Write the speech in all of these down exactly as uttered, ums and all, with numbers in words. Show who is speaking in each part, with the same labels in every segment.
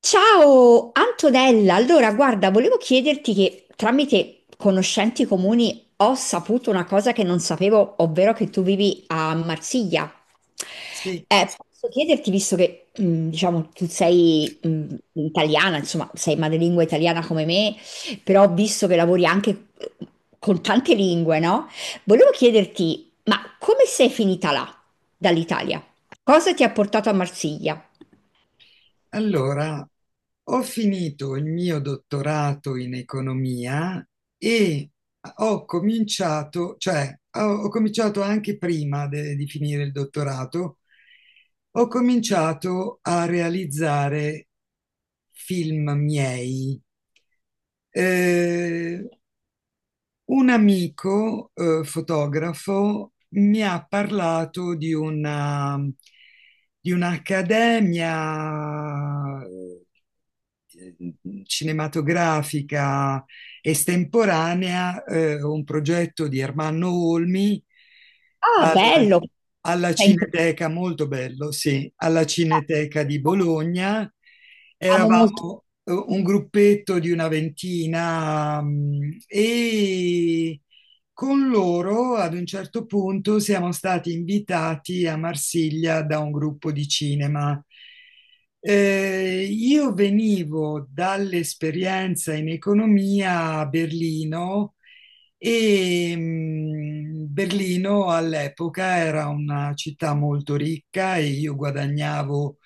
Speaker 1: Ciao Antonella, allora guarda, volevo chiederti che tramite conoscenti comuni ho saputo una cosa che non sapevo, ovvero che tu vivi a Marsiglia.
Speaker 2: Sì,
Speaker 1: Eh, posso chiederti, visto che mh, diciamo tu sei mh, italiana, insomma sei madrelingua italiana come me, però ho visto che lavori anche eh, con tante lingue, no? Volevo chiederti, ma come sei finita là, dall'Italia? Cosa ti ha portato a Marsiglia?
Speaker 2: allora ho finito il mio dottorato in economia e ho cominciato, cioè ho, ho cominciato anche prima de- di finire il dottorato, ho cominciato a realizzare film miei. Eh, Un amico, eh, fotografo mi ha parlato di una, di un'accademia eh, cinematografica estemporanea, eh, un progetto di Ermanno Olmi. Sì,
Speaker 1: Ah,
Speaker 2: alla
Speaker 1: bello!
Speaker 2: alla Cineteca, molto bello, sì, alla Cineteca di Bologna.
Speaker 1: Amo molto.
Speaker 2: Eravamo eh, un gruppetto di una ventina, mm, e con loro ad un certo punto siamo stati invitati a Marsiglia da un gruppo di cinema. Eh, io venivo dall'esperienza in economia a Berlino e mh, Berlino all'epoca era una città molto ricca e io guadagnavo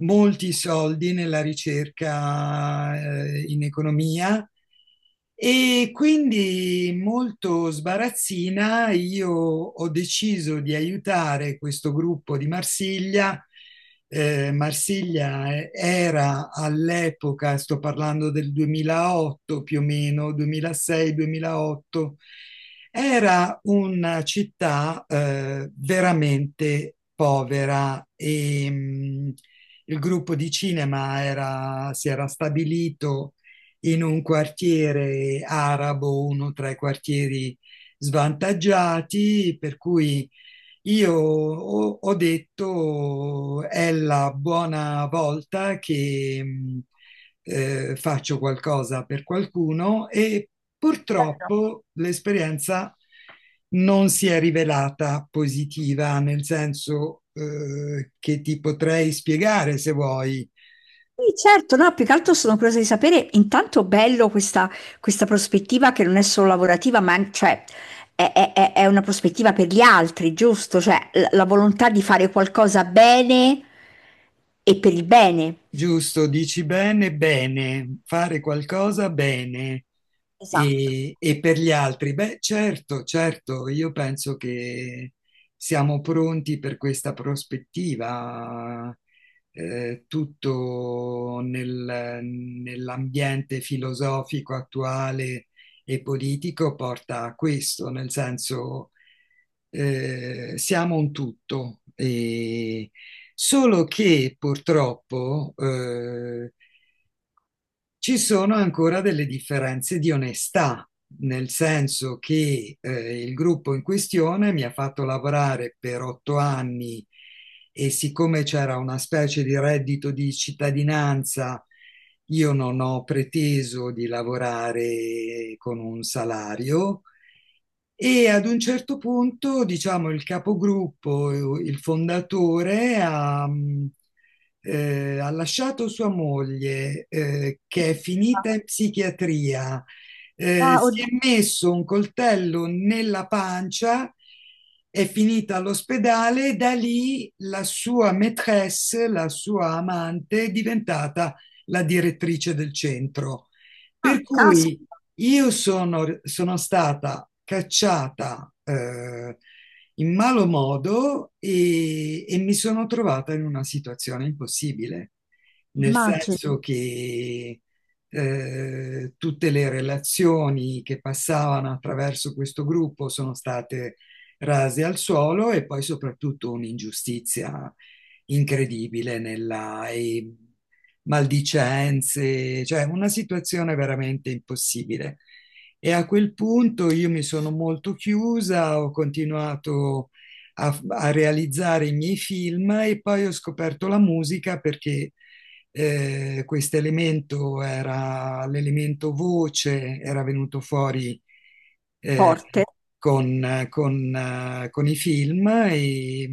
Speaker 2: molti soldi nella ricerca eh, in economia, e quindi, molto sbarazzina, io ho deciso di aiutare questo gruppo di Marsiglia. Eh, Marsiglia eh, era all'epoca, sto parlando del duemilaotto più o meno, duemilasei-duemilaotto, era una città eh, veramente povera, e mh, il gruppo di cinema era- si era stabilito in un quartiere arabo, uno tra i quartieri svantaggiati, per cui io ho, ho detto è la buona volta che mh, eh, faccio qualcosa per qualcuno, e purtroppo l'esperienza non si è rivelata positiva, nel senso, eh, che ti potrei spiegare se vuoi.
Speaker 1: Sì, certo, no, più che altro sono curiosa di sapere, intanto bello questa, questa prospettiva che non è solo lavorativa, ma an- cioè, è, è- è- è una prospettiva per gli altri, giusto? Cioè, la, la volontà di fare qualcosa bene e per il bene.
Speaker 2: Giusto, dici bene, bene, fare qualcosa bene
Speaker 1: Esatto.
Speaker 2: e, e per gli altri. Beh, certo, certo, io penso che siamo pronti per questa prospettiva. Eh, tutto nel- nell'ambiente filosofico attuale e politico porta a questo, nel senso, eh, siamo un tutto. E, Solo che purtroppo eh, ci sono ancora delle differenze di onestà, nel senso che eh, il gruppo in questione mi ha fatto lavorare per otto anni, e siccome c'era una specie di reddito di cittadinanza, io non ho preteso di lavorare con un salario, e ad un certo punto, diciamo, il capogruppo, il fondatore ha, mh, eh, ha lasciato sua moglie, eh, che è finita in psichiatria, eh,
Speaker 1: Ah,
Speaker 2: si è
Speaker 1: oddio.
Speaker 2: messo un coltello nella pancia, è finita all'ospedale, e da lì la sua maîtresse, la sua amante, è diventata la direttrice del centro.
Speaker 1: Ah,
Speaker 2: Per cui
Speaker 1: caspita.
Speaker 2: io sono, sono stata cacciata eh, in malo modo, e, e mi sono trovata in una situazione impossibile, nel
Speaker 1: Immagino.
Speaker 2: senso che eh, tutte le relazioni che passavano attraverso questo gruppo sono state rase al suolo, e poi soprattutto un'ingiustizia incredibile nella... e- maldicenze, cioè una situazione veramente impossibile. E a quel punto io mi sono molto chiusa, ho continuato a, a realizzare i miei film, e poi ho scoperto la musica perché eh, questo elemento era l'elemento voce, era venuto fuori eh,
Speaker 1: Forte.
Speaker 2: con, con, eh, con i film, e,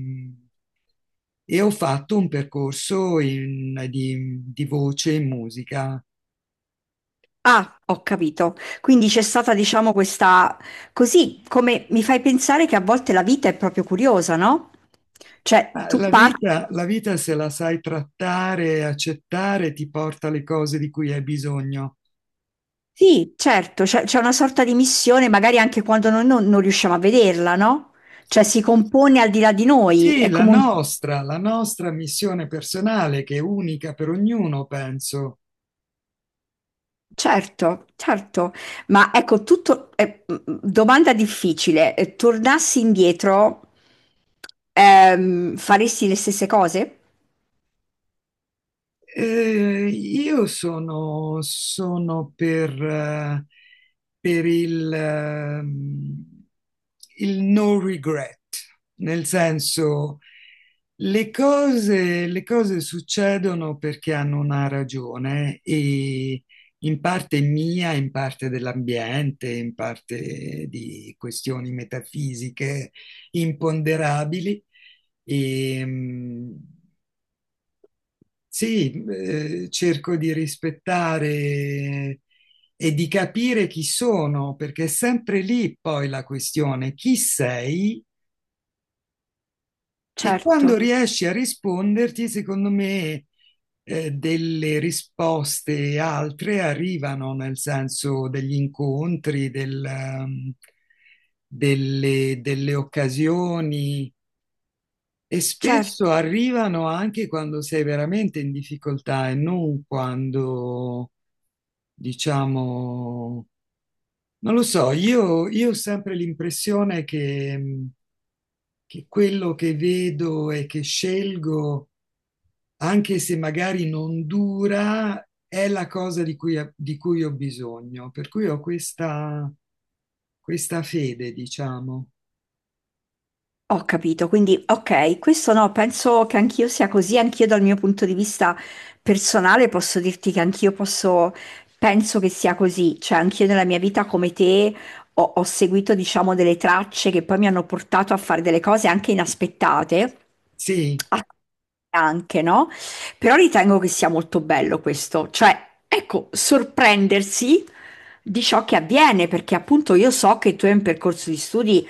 Speaker 2: e ho fatto un percorso in- di, di voce in musica.
Speaker 1: Ah, ho capito. Quindi c'è stata, diciamo, questa... Così come mi fai pensare che a volte la vita è proprio curiosa, no? Cioè,
Speaker 2: Ah,
Speaker 1: tu
Speaker 2: la
Speaker 1: parti...
Speaker 2: vita, la vita, se la sai trattare e accettare, ti porta le cose di cui hai bisogno.
Speaker 1: Sì, certo, c'è c'è una sorta di missione, magari anche quando noi non, non riusciamo a vederla, no? Cioè, si compone al di là di noi,
Speaker 2: Sì,
Speaker 1: è
Speaker 2: la
Speaker 1: come un...
Speaker 2: nostra, la nostra missione personale, che è unica per ognuno, penso.
Speaker 1: Certo, certo. Ma ecco, tutto... eh, mm, domanda difficile. Eh, Tornassi indietro, ehm, faresti le stesse cose?
Speaker 2: Eh, io sono, sono per, eh, per il, ehm, il no regret, nel senso, le cose, le cose succedono perché hanno una ragione, e in parte mia, in parte dell'ambiente, in parte di questioni metafisiche imponderabili. E, mh, sì, eh, cerco di rispettare e di capire chi sono, perché è sempre lì poi la questione, chi sei. E
Speaker 1: Certo,
Speaker 2: quando riesci a risponderti, secondo me, eh, delle risposte altre arrivano, nel senso degli incontri, del, ehm, delle, delle occasioni, e spesso
Speaker 1: certo.
Speaker 2: arrivano anche quando sei veramente in difficoltà e non quando, diciamo, non lo so, io, io ho sempre l'impressione che, mh, che quello che vedo e che scelgo, anche se magari non dura, è la cosa di cui, di cui ho bisogno. Per cui ho questa, questa fede, diciamo.
Speaker 1: Ho capito, quindi ok, questo no, penso che anch'io sia così, anch'io dal mio punto di vista personale posso dirti che anch'io posso, penso che sia così, cioè anch'io nella mia vita come te ho, ho seguito diciamo delle tracce che poi mi hanno portato a fare delle cose anche inaspettate,
Speaker 2: Sì,
Speaker 1: a- anche no? Però ritengo che sia molto bello questo, cioè ecco, sorprendersi di ciò che avviene, perché appunto io so che tu hai un percorso di studi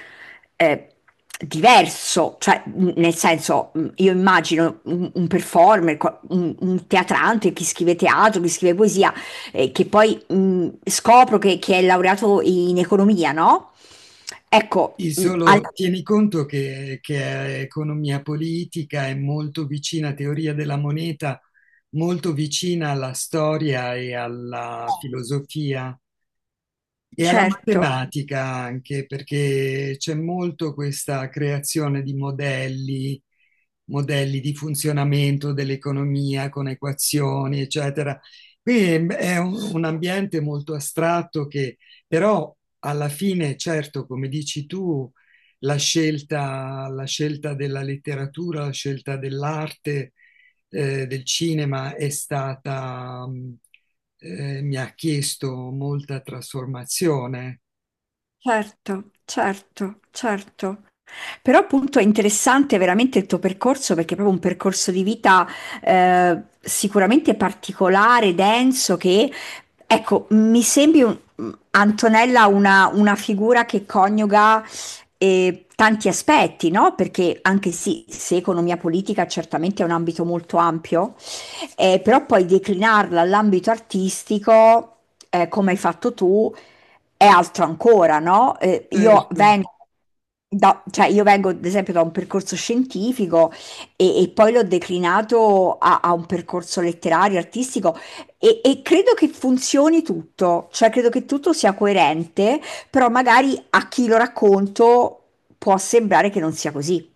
Speaker 1: eh, diverso, cioè mh, nel senso, mh, io immagino un, un performer, qua- un, un teatrante, chi scrive teatro, chi scrive poesia, eh, che poi mh, scopro che, che è laureato in economia, no? Ecco,
Speaker 2: il
Speaker 1: mh, alla-
Speaker 2: solo tieni conto che, che è economia politica è molto vicina a teoria della moneta, molto vicina alla storia e alla filosofia. E alla
Speaker 1: certo,
Speaker 2: matematica anche, perché c'è molto questa creazione di modelli, modelli di funzionamento dell'economia con equazioni, eccetera. Quindi è un, un ambiente molto astratto che però alla fine, certo, come dici tu, la scelta, la scelta della letteratura, la scelta dell'arte, eh, del cinema è stata... mh, eh, mi ha chiesto molta trasformazione,
Speaker 1: certo, certo, certo. Però appunto è interessante veramente il tuo percorso perché è proprio un percorso di vita eh, sicuramente particolare, denso, che ecco, mi sembri un- Antonella una, una figura che coniuga eh, tanti aspetti, no? Perché anche sì, se economia politica certamente è un ambito molto ampio, eh, però poi declinarla all'ambito artistico, eh, come hai fatto tu, è altro ancora, no, ehm, io
Speaker 2: certo.
Speaker 1: vengo da cioè io vengo ad esempio da un percorso scientifico e e poi l'ho declinato a a un percorso letterario, artistico e e credo che funzioni tutto, cioè credo che tutto sia coerente, però magari a chi lo racconto può sembrare che non sia così.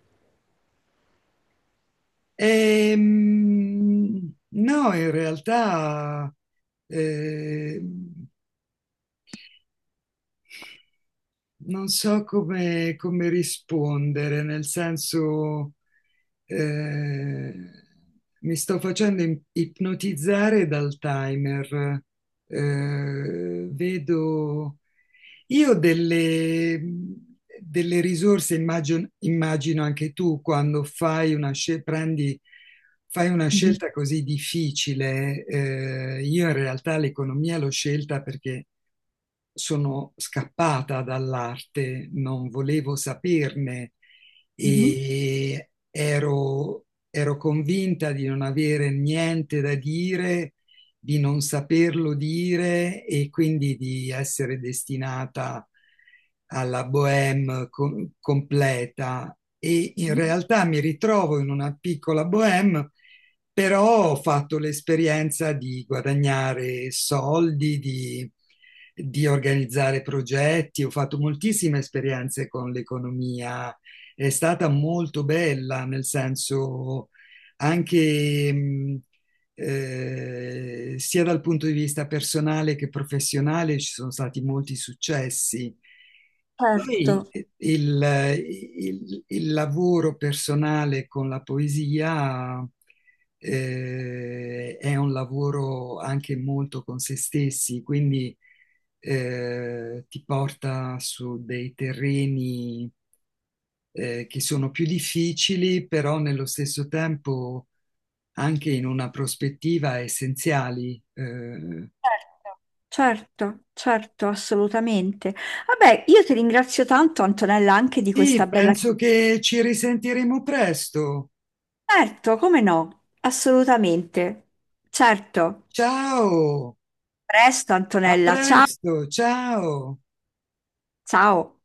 Speaker 2: E, mm, no, in realtà eh, non so come, come rispondere, nel senso, eh, mi sto facendo im- ipnotizzare dal timer. Eh, vedo io ho delle, delle risorse, immagino, immagino anche tu quando fai una scel- prendi, fai una
Speaker 1: Mh-mh,
Speaker 2: scelta così difficile. Eh, io in realtà l'economia l'ho scelta perché sono scappata dall'arte, non volevo saperne,
Speaker 1: mh-mh,
Speaker 2: e ero, ero convinta di non avere niente da dire, di non saperlo dire e quindi di essere destinata alla bohème co- completa. E in
Speaker 1: mh-mh.
Speaker 2: realtà mi ritrovo in una piccola bohème, però ho fatto l'esperienza di guadagnare soldi, di, di organizzare progetti, ho fatto moltissime esperienze con l'economia, è stata molto bella, nel senso anche mh, eh, sia dal punto di vista personale che professionale ci sono stati molti successi.
Speaker 1: Certo,
Speaker 2: Poi eh, il, eh, il- il lavoro personale con la poesia eh, è un lavoro anche molto con se stessi, quindi eh, ti porta su dei terreni eh, che sono più difficili, però nello stesso tempo anche in una prospettiva essenziali. Eh,
Speaker 1: certo, certo, certo, assolutamente. Vabbè, io ti ringrazio tanto Antonella anche di questa
Speaker 2: sì,
Speaker 1: bella.
Speaker 2: penso che ci risentiremo presto.
Speaker 1: Certo, come no? Assolutamente. Certo.
Speaker 2: Ciao!
Speaker 1: Presto,
Speaker 2: A
Speaker 1: Antonella. Ciao.
Speaker 2: presto, ciao!
Speaker 1: Ciao.